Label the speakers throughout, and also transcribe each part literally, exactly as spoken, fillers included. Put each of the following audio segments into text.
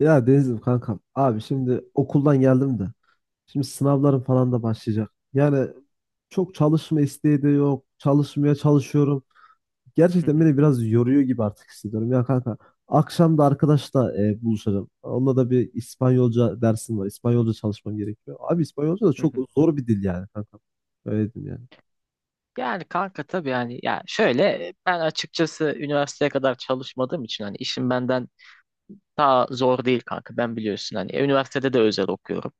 Speaker 1: Ya Deniz'im kankam. Abi şimdi okuldan geldim de. Şimdi sınavlarım falan da başlayacak. Yani çok çalışma isteği de yok. Çalışmaya çalışıyorum.
Speaker 2: Hı
Speaker 1: Gerçekten
Speaker 2: hı,
Speaker 1: beni biraz yoruyor gibi artık hissediyorum. Ya kanka akşam da arkadaşla e, buluşacağım. Onunla da bir İspanyolca dersim var. İspanyolca çalışmam gerekiyor. Abi İspanyolca da
Speaker 2: hı
Speaker 1: çok
Speaker 2: hı.
Speaker 1: zor bir dil yani kanka. Öyle diyeyim yani.
Speaker 2: Yani kanka tabii yani ya şöyle, ben açıkçası üniversiteye kadar çalışmadığım için hani işim benden daha zor değil kanka, ben biliyorsun hani üniversitede de özel okuyorum.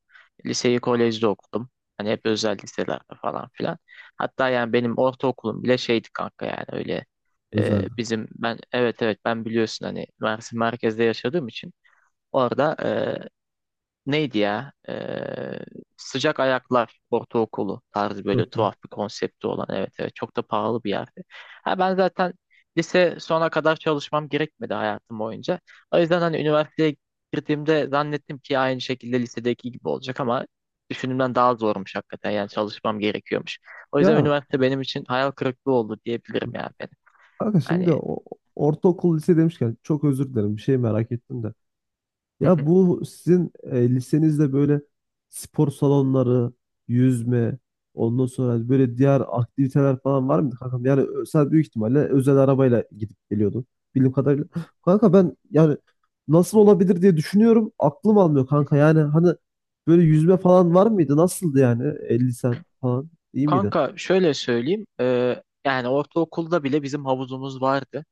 Speaker 2: Liseyi kolejde okudum. Hani hep özel liselerde falan filan. Hatta yani benim ortaokulum bile şeydi kanka, yani öyle, e,
Speaker 1: Özellikle.
Speaker 2: bizim ben, evet evet, ben biliyorsun hani Mersin merkezde yaşadığım için orada neydi ya? Ee, Sıcak Ayaklar Ortaokulu tarzı, böyle
Speaker 1: Çok iyi.
Speaker 2: tuhaf bir konsepti olan. Evet, evet, çok da pahalı bir yerdi. Ha, ben zaten lise sona kadar çalışmam gerekmedi hayatım boyunca. O yüzden hani üniversiteye girdiğimde zannettim ki aynı şekilde lisedeki gibi olacak ama düşündüğümden daha zormuş hakikaten. Yani çalışmam gerekiyormuş. O yüzden
Speaker 1: Ya
Speaker 2: üniversite benim için hayal kırıklığı oldu diyebilirim yani benim.
Speaker 1: kanka şimdi
Speaker 2: Hani
Speaker 1: o, ortaokul lise demişken çok özür dilerim. Bir şey merak ettim de. Ya bu sizin e, lisenizde böyle spor salonları, yüzme, ondan sonra böyle diğer aktiviteler falan var mıydı kankam? Yani ö- sen büyük ihtimalle özel arabayla gidip geliyordun bildiğim kadarıyla. Kanka ben yani nasıl olabilir diye düşünüyorum. Aklım almıyor kanka. Yani hani böyle yüzme falan var mıydı? Nasıldı yani? E, lisen falan iyi miydi?
Speaker 2: Kanka şöyle söyleyeyim. Eee, yani ortaokulda bile bizim havuzumuz vardı.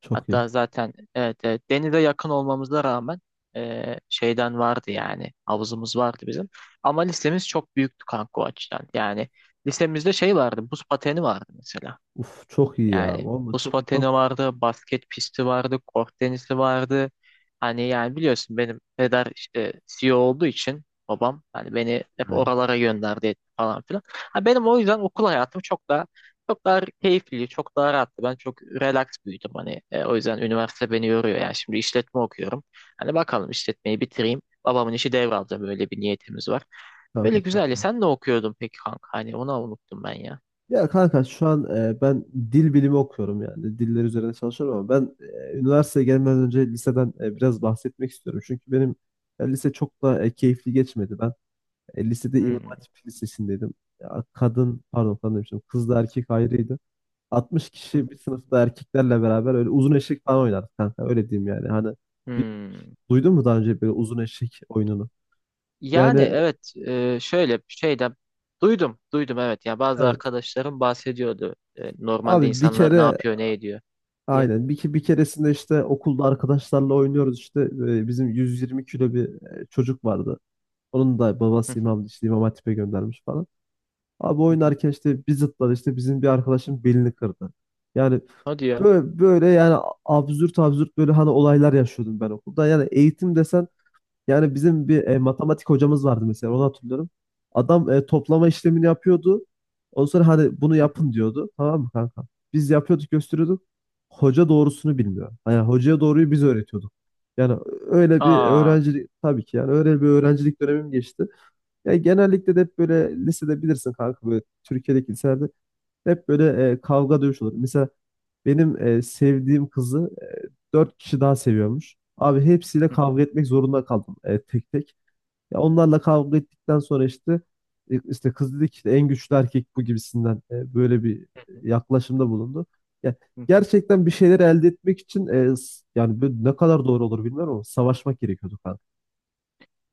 Speaker 1: Çok iyi.
Speaker 2: Hatta zaten evet, evet, denize yakın olmamıza rağmen e, şeyden vardı, yani havuzumuz vardı bizim. Ama lisemiz çok büyüktü kanka o açıdan. Yani lisemizde şey vardı, buz pateni vardı mesela.
Speaker 1: Uf çok iyi
Speaker 2: Yani
Speaker 1: ya. Vallahi
Speaker 2: buz
Speaker 1: çok iyi. Çok
Speaker 2: pateni
Speaker 1: iyi.
Speaker 2: vardı, basket pisti vardı, kort tenisi vardı. Hani yani biliyorsun benim peder işte C E O olduğu için babam hani beni hep
Speaker 1: Yani
Speaker 2: oralara gönderdi etti falan filan. Ha, benim o yüzden okul hayatım çok daha çok daha keyifli, çok daha rahattı. Ben çok relax büyüdüm hani. E, o yüzden üniversite beni yoruyor. Yani şimdi işletme okuyorum. Hani bakalım, işletmeyi bitireyim, babamın işi devralacağım, öyle bir niyetimiz var. Böyle
Speaker 1: kanka çok
Speaker 2: güzel ya.
Speaker 1: iyi.
Speaker 2: Sen ne okuyordun peki kanka? Hani onu unuttum ben ya.
Speaker 1: Ya kanka şu an e, ben dil bilimi okuyorum yani diller üzerine çalışıyorum ama ben e, üniversiteye gelmeden önce liseden e, biraz bahsetmek istiyorum. Çünkü benim e, lise çok da e, keyifli geçmedi. Ben e, lisede İmam
Speaker 2: Hmm.
Speaker 1: Hatip Lisesi'ndeydim. Ya, kadın pardon kadın demiştim, kızla erkek ayrıydı. altmış kişi bir sınıfta erkeklerle beraber öyle uzun eşek falan oynardık kanka, öyle diyeyim yani. Hani bir,
Speaker 2: Hmm.
Speaker 1: duydun mu daha önce böyle uzun eşek oyununu?
Speaker 2: Yani
Speaker 1: Yani
Speaker 2: evet, e, şöyle bir şeyden duydum, duydum, evet, ya bazı
Speaker 1: evet,
Speaker 2: arkadaşlarım bahsediyordu, E, normalde
Speaker 1: abi bir
Speaker 2: insanlar ne
Speaker 1: kere
Speaker 2: yapıyor ne ediyor diye.
Speaker 1: aynen. Bir, ke- bir keresinde işte okulda arkadaşlarla oynuyoruz işte. e, Bizim yüz yirmi kilo bir e, çocuk vardı. Onun da
Speaker 2: Hı
Speaker 1: babası
Speaker 2: hı,
Speaker 1: imam, işte İmam Hatip'e göndermiş falan. Abi
Speaker 2: hı hı.
Speaker 1: oynarken işte bir zıpladı, işte bizim bir arkadaşın belini kırdı. Yani
Speaker 2: O diyor.
Speaker 1: böyle, böyle yani absürt absürt böyle hani olaylar yaşıyordum ben okulda. Yani eğitim desen yani bizim bir e, matematik hocamız vardı mesela, onu hatırlıyorum. Adam e, toplama işlemini yapıyordu. Ondan sonra hani bunu
Speaker 2: Hı hı.
Speaker 1: yapın diyordu. Tamam mı kanka? Biz yapıyorduk, gösteriyorduk. Hoca doğrusunu bilmiyor. Yani hocaya doğruyu biz öğretiyorduk. Yani öyle bir
Speaker 2: Aa.
Speaker 1: öğrencilik tabii ki, yani öyle bir öğrencilik dönemim geçti. Yani genellikle de hep böyle lisede bilirsin kanka, böyle Türkiye'deki liselerde hep böyle e, kavga dövüş olur. Mesela benim e, sevdiğim kızı e, dört kişi daha seviyormuş. Abi hepsiyle
Speaker 2: Hı hı,
Speaker 1: kavga etmek zorunda kaldım e, tek tek. Ya onlarla kavga ettikten sonra işte e, işte kız dedi ki işte en güçlü erkek bu gibisinden e, böyle bir
Speaker 2: hı hı,
Speaker 1: yaklaşımda bulundu. Ya
Speaker 2: hı hı.
Speaker 1: gerçekten bir şeyler elde etmek için e, s- yani böyle ne kadar doğru olur bilmiyorum ama savaşmak gerekiyordu kanka.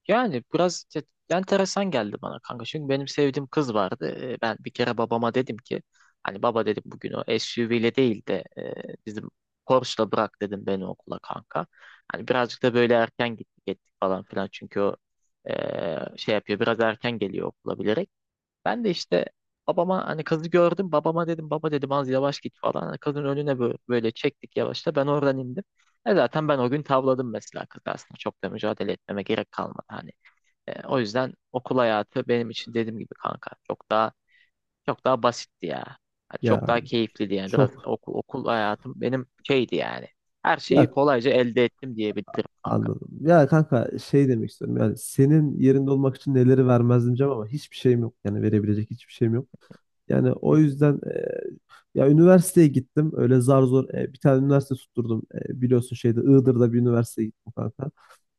Speaker 2: Yani biraz te- enteresan geldi bana kanka. Çünkü benim sevdiğim kız vardı. Ee, Ben bir kere babama dedim ki, hani baba dedim, bugün o S U V ile değil de e, bizim Porsche'la bırak dedim beni okula kanka. Hani birazcık da böyle erken gittik ettik falan filan. Çünkü o e, şey yapıyor, biraz erken geliyor okula bilerek. Ben de işte babama hani kızı gördüm. Babama dedim baba dedim az yavaş git falan. Hani kızın önüne böyle, böyle çektik yavaşta. Ben oradan indim. E, zaten ben o gün tavladım mesela kızı aslında. Çok da mücadele etmeme gerek kalmadı. Hani e, o yüzden okul hayatı benim için dediğim gibi kanka çok daha çok daha basitti ya. Ha, çok
Speaker 1: Ya
Speaker 2: daha keyifliydi yani, biraz
Speaker 1: çok
Speaker 2: okul, okul hayatım benim şeydi yani. Her şeyi
Speaker 1: ya
Speaker 2: kolayca elde ettim diyebilirim kanka.
Speaker 1: anladım. Ya kanka şey demek istiyorum, yani senin yerinde olmak için neleri vermezdim diyeceğim ama hiçbir şeyim yok. Yani verebilecek hiçbir şeyim yok. Yani o
Speaker 2: Hı hı.
Speaker 1: yüzden e, ya üniversiteye gittim. Öyle zar zor e, bir tane üniversite tutturdum. E, biliyorsun şeyde Iğdır'da bir üniversiteye gittim kanka.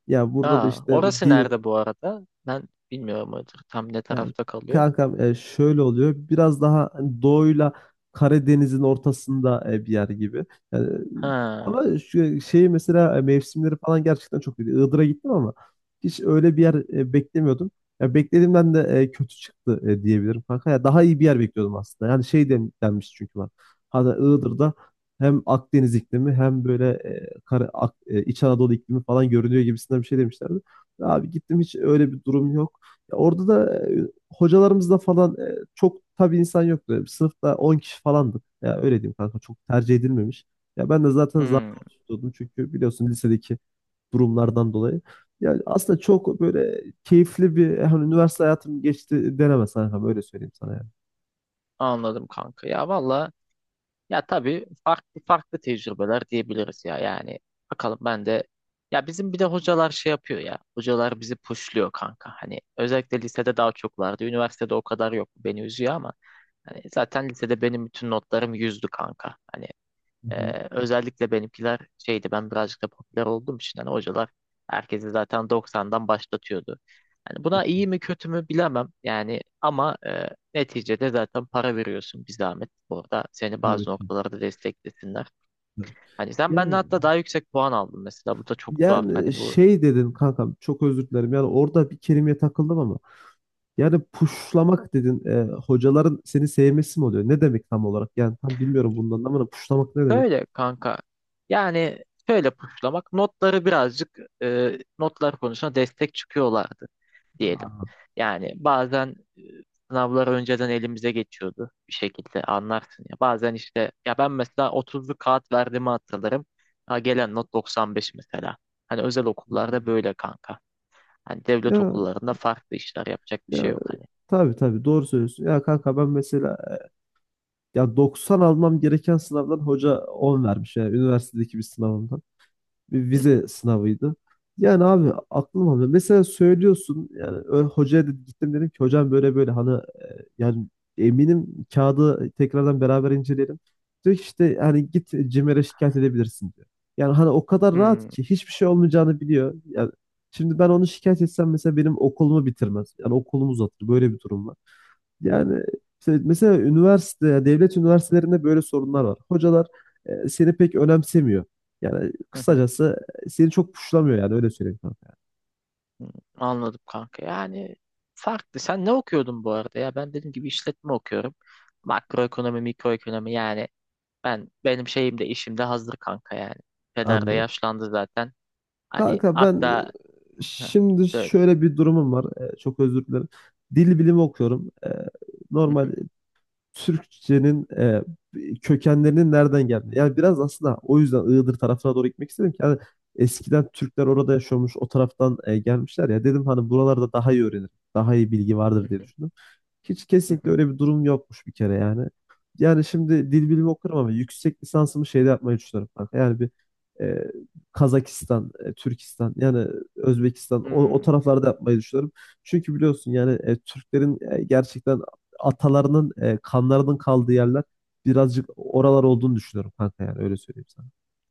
Speaker 1: Ya burada da
Speaker 2: Aa,
Speaker 1: işte bu
Speaker 2: orası
Speaker 1: dil
Speaker 2: nerede bu arada? Ben bilmiyorum tam ne
Speaker 1: yani
Speaker 2: tarafta kalıyor.
Speaker 1: kankam e, şöyle oluyor. Biraz daha hani doğuyla Karadeniz'in ortasında e, bir yer gibi. Yani, e,
Speaker 2: Ha,
Speaker 1: ama şu şeyi mesela e, mevsimleri falan gerçekten çok iyi. Iğdır'a gittim ama hiç öyle bir yer e, beklemiyordum. Ya beklediğimden de e, kötü çıktı e, diyebilirim kanka. Ya daha iyi bir yer bekliyordum aslında. Yani şey den- denmiş çünkü bana. Hatta Iğdır'da hem Akdeniz iklimi hem böyle e, Kara- Ak- e, İç Anadolu iklimi falan görünüyor gibisinden bir şey demişlerdi. Abi gittim, hiç öyle bir durum yok. Ya orada da e, hocalarımızda falan e, çok tabii insan yoktu. Yani sınıfta on kişi falandık. Ya öyle diyeyim kanka, çok tercih edilmemiş. Ya ben de zaten zar
Speaker 2: hmm,
Speaker 1: tutuyordum çünkü biliyorsun lisedeki durumlardan dolayı. Yani aslında çok böyle keyifli bir e, hani üniversite hayatım geçti denemez kanka, öyle söyleyeyim sana yani.
Speaker 2: anladım kanka. Ya valla. Ya tabii, farklı farklı tecrübeler diyebiliriz ya, yani bakalım ben de. Ya bizim bir de hocalar şey yapıyor ya, hocalar bizi pushluyor kanka, hani özellikle lisede daha çok vardı, üniversitede o kadar yok, beni üzüyor ama hani zaten lisede benim bütün notlarım yüzdü kanka hani,
Speaker 1: Hı hı.
Speaker 2: ee, özellikle benimkiler şeydi, ben birazcık da popüler olduğum için hani hocalar herkesi zaten doksandan başlatıyordu. Hani
Speaker 1: Çok
Speaker 2: buna
Speaker 1: iyi.
Speaker 2: iyi mi kötü mü bilemem yani, ama e, neticede zaten para veriyorsun bir zahmet, orada seni
Speaker 1: Tabii
Speaker 2: bazı
Speaker 1: ki.
Speaker 2: noktalarda desteklesinler.
Speaker 1: Tabii ki.
Speaker 2: Hani sen benden
Speaker 1: Yani,
Speaker 2: hatta daha yüksek puan aldın mesela, bu da çok tuhaf
Speaker 1: yani
Speaker 2: hani, bu
Speaker 1: şey dedin kankam, çok özür dilerim. Yani orada bir kelimeye takıldım ama. Yani puşlamak dedin. E, hocaların seni sevmesi mi oluyor? Ne demek tam olarak? Yani tam bilmiyorum bundan ama hani puşlamak ne demek?
Speaker 2: böyle kanka, yani şöyle puşlamak, notları birazcık, e, notlar konusunda destek çıkıyorlardı diyelim. Yani bazen e, sınavlar önceden elimize geçiyordu bir şekilde, anlarsın ya. Bazen işte ya, ben mesela otuzlu kağıt verdiğimi hatırlarım. Ha, gelen not doksan beş mesela. Hani özel
Speaker 1: Hmm.
Speaker 2: okullarda böyle kanka. Hani devlet
Speaker 1: Ya
Speaker 2: okullarında farklı işler yapacak bir şey
Speaker 1: ya
Speaker 2: yok hani.
Speaker 1: tabii tabii doğru söylüyorsun. Ya kanka ben mesela ya doksan almam gereken sınavdan hoca on vermiş. Yani üniversitedeki bir sınavımda, bir
Speaker 2: Hı hı.
Speaker 1: vize sınavıydı. Yani abi aklım almıyor. Mesela söylüyorsun yani ö- hocaya dedi, gittim dedim ki hocam böyle böyle hani e, yani eminim kağıdı tekrardan beraber inceleyelim. Diyor ki işte hani git CİMER'e şikayet edebilirsin diyor. Yani hani o kadar rahat
Speaker 2: Hmm,
Speaker 1: ki, hiçbir şey olmayacağını biliyor. Yani şimdi ben onu şikayet etsem mesela benim okulumu bitirmez. Yani okulumu uzatır. Böyle bir durum var. Yani işte mesela üniversite, yani devlet üniversitelerinde böyle sorunlar var. Hocalar e, seni pek önemsemiyor. Yani
Speaker 2: hı hı,
Speaker 1: kısacası e, seni çok puşlamıyor, yani öyle söyleyeyim kanka.
Speaker 2: hı. Anladım kanka. Yani farklı. Sen ne okuyordun bu arada ya? Ben dediğim gibi işletme okuyorum. Makroekonomi, mikroekonomi yani, Ben benim şeyim de işim de hazır kanka yani. Peder de
Speaker 1: Anladım.
Speaker 2: yaşlandı zaten. Hani
Speaker 1: Kanka ben e,
Speaker 2: hatta... Heh,
Speaker 1: şimdi
Speaker 2: söyle.
Speaker 1: şöyle bir durumum var. E, çok özür dilerim. Dil bilimi okuyorum. E,
Speaker 2: Hı
Speaker 1: normal
Speaker 2: hı,
Speaker 1: Türkçenin e, kökenlerinin nereden geldi? Yani biraz aslında o yüzden Iğdır tarafına doğru gitmek istedim ki hani eskiden Türkler orada yaşıyormuş, o taraftan e, gelmişler ya. Dedim hani buralarda daha iyi öğrenir, daha iyi bilgi
Speaker 2: hı
Speaker 1: vardır diye
Speaker 2: hı,
Speaker 1: düşündüm. Hiç
Speaker 2: hı
Speaker 1: kesinlikle
Speaker 2: hı.
Speaker 1: öyle bir durum yokmuş bir kere yani. Yani şimdi dil bilimi okurum ama yüksek lisansımı şeyde yapmayı düşünüyorum kanka. Yani bir e, Kazakistan, e, Türkistan yani Özbekistan o, o
Speaker 2: Hmm.
Speaker 1: taraflarda yapmayı düşünüyorum. Çünkü biliyorsun yani e, Türklerin e, gerçekten atalarının e, kanlarının kaldığı yerler birazcık oralar olduğunu düşünüyorum kanka, yani öyle söyleyeyim sana.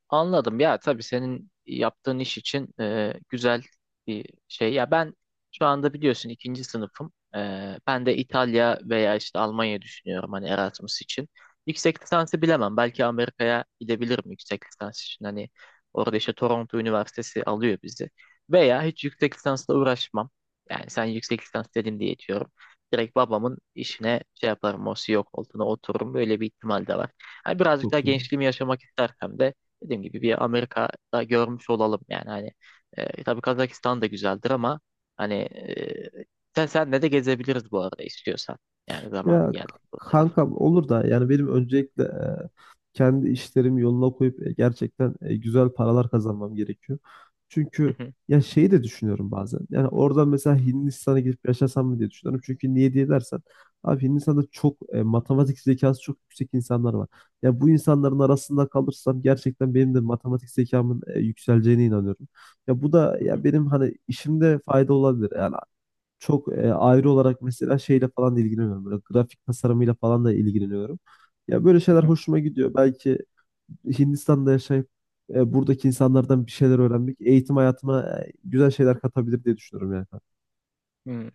Speaker 2: Anladım ya, tabii senin yaptığın iş için e, güzel bir şey. Ya ben şu anda biliyorsun ikinci sınıfım. E, ben de İtalya veya işte Almanya düşünüyorum hani Erasmus için. Yüksek lisansı bilemem. Belki Amerika'ya gidebilirim yüksek lisans için. Hani orada işte Toronto Üniversitesi alıyor bizi. Veya hiç yüksek lisansla uğraşmam. Yani sen yüksek lisans dedin diye diyorum. Direkt babamın işine şey yaparım, o C E O koltuğuna otururum. Böyle bir ihtimal de var. Hani birazcık daha
Speaker 1: Çok iyi.
Speaker 2: gençliğimi yaşamak istersem de dediğim gibi bir Amerika'da görmüş olalım yani hani, e, tabii Kazakistan da güzeldir ama hani e, sen senle de gezebiliriz bu arada istiyorsan, yani zamanı
Speaker 1: Ya
Speaker 2: geldi
Speaker 1: k-
Speaker 2: bu tarafta.
Speaker 1: kankam olur da, yani benim öncelikle e, kendi işlerimi yoluna koyup e, gerçekten e, güzel paralar kazanmam gerekiyor.
Speaker 2: Hı
Speaker 1: Çünkü
Speaker 2: hı,
Speaker 1: ya şeyi de düşünüyorum bazen. Yani oradan mesela Hindistan'a gidip yaşasam mı diye düşünüyorum. Çünkü niye diye dersen, abi Hindistan'da çok e, matematik zekası çok yüksek insanlar var. Ya bu insanların arasında kalırsam gerçekten benim de matematik zekamın e, yükseleceğine inanıyorum. Ya bu da
Speaker 2: hı
Speaker 1: ya
Speaker 2: hı,
Speaker 1: benim hani işimde fayda olabilir. Yani çok e, ayrı olarak mesela şeyle falan da ilgileniyorum. Böyle grafik tasarımıyla falan da ilgileniyorum. Ya böyle
Speaker 2: hı
Speaker 1: şeyler
Speaker 2: hı,
Speaker 1: hoşuma gidiyor. Belki Hindistan'da yaşayıp e, buradaki insanlardan bir şeyler öğrenmek eğitim hayatıma e, güzel şeyler katabilir diye düşünüyorum yani, kanka.
Speaker 2: hı.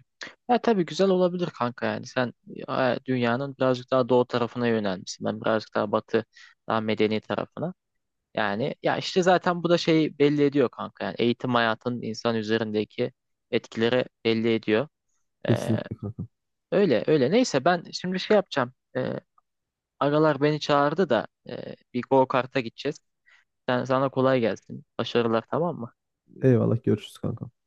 Speaker 2: Ya tabii güzel olabilir kanka, yani sen e, dünyanın birazcık daha doğu tarafına yönelmişsin, ben birazcık daha batı, daha medeni tarafına, yani ya işte zaten bu da şeyi belli ediyor kanka, yani eğitim hayatının insan üzerindeki etkileri belli ediyor. E,
Speaker 1: Kesinlikle kanka.
Speaker 2: Öyle öyle. Neyse ben şimdi şey yapacağım. Ee, agalar beni çağırdı da e, bir go kart'a gideceğiz. Sen, sana kolay gelsin. Başarılar, tamam mı?
Speaker 1: Eyvallah görüşürüz kanka.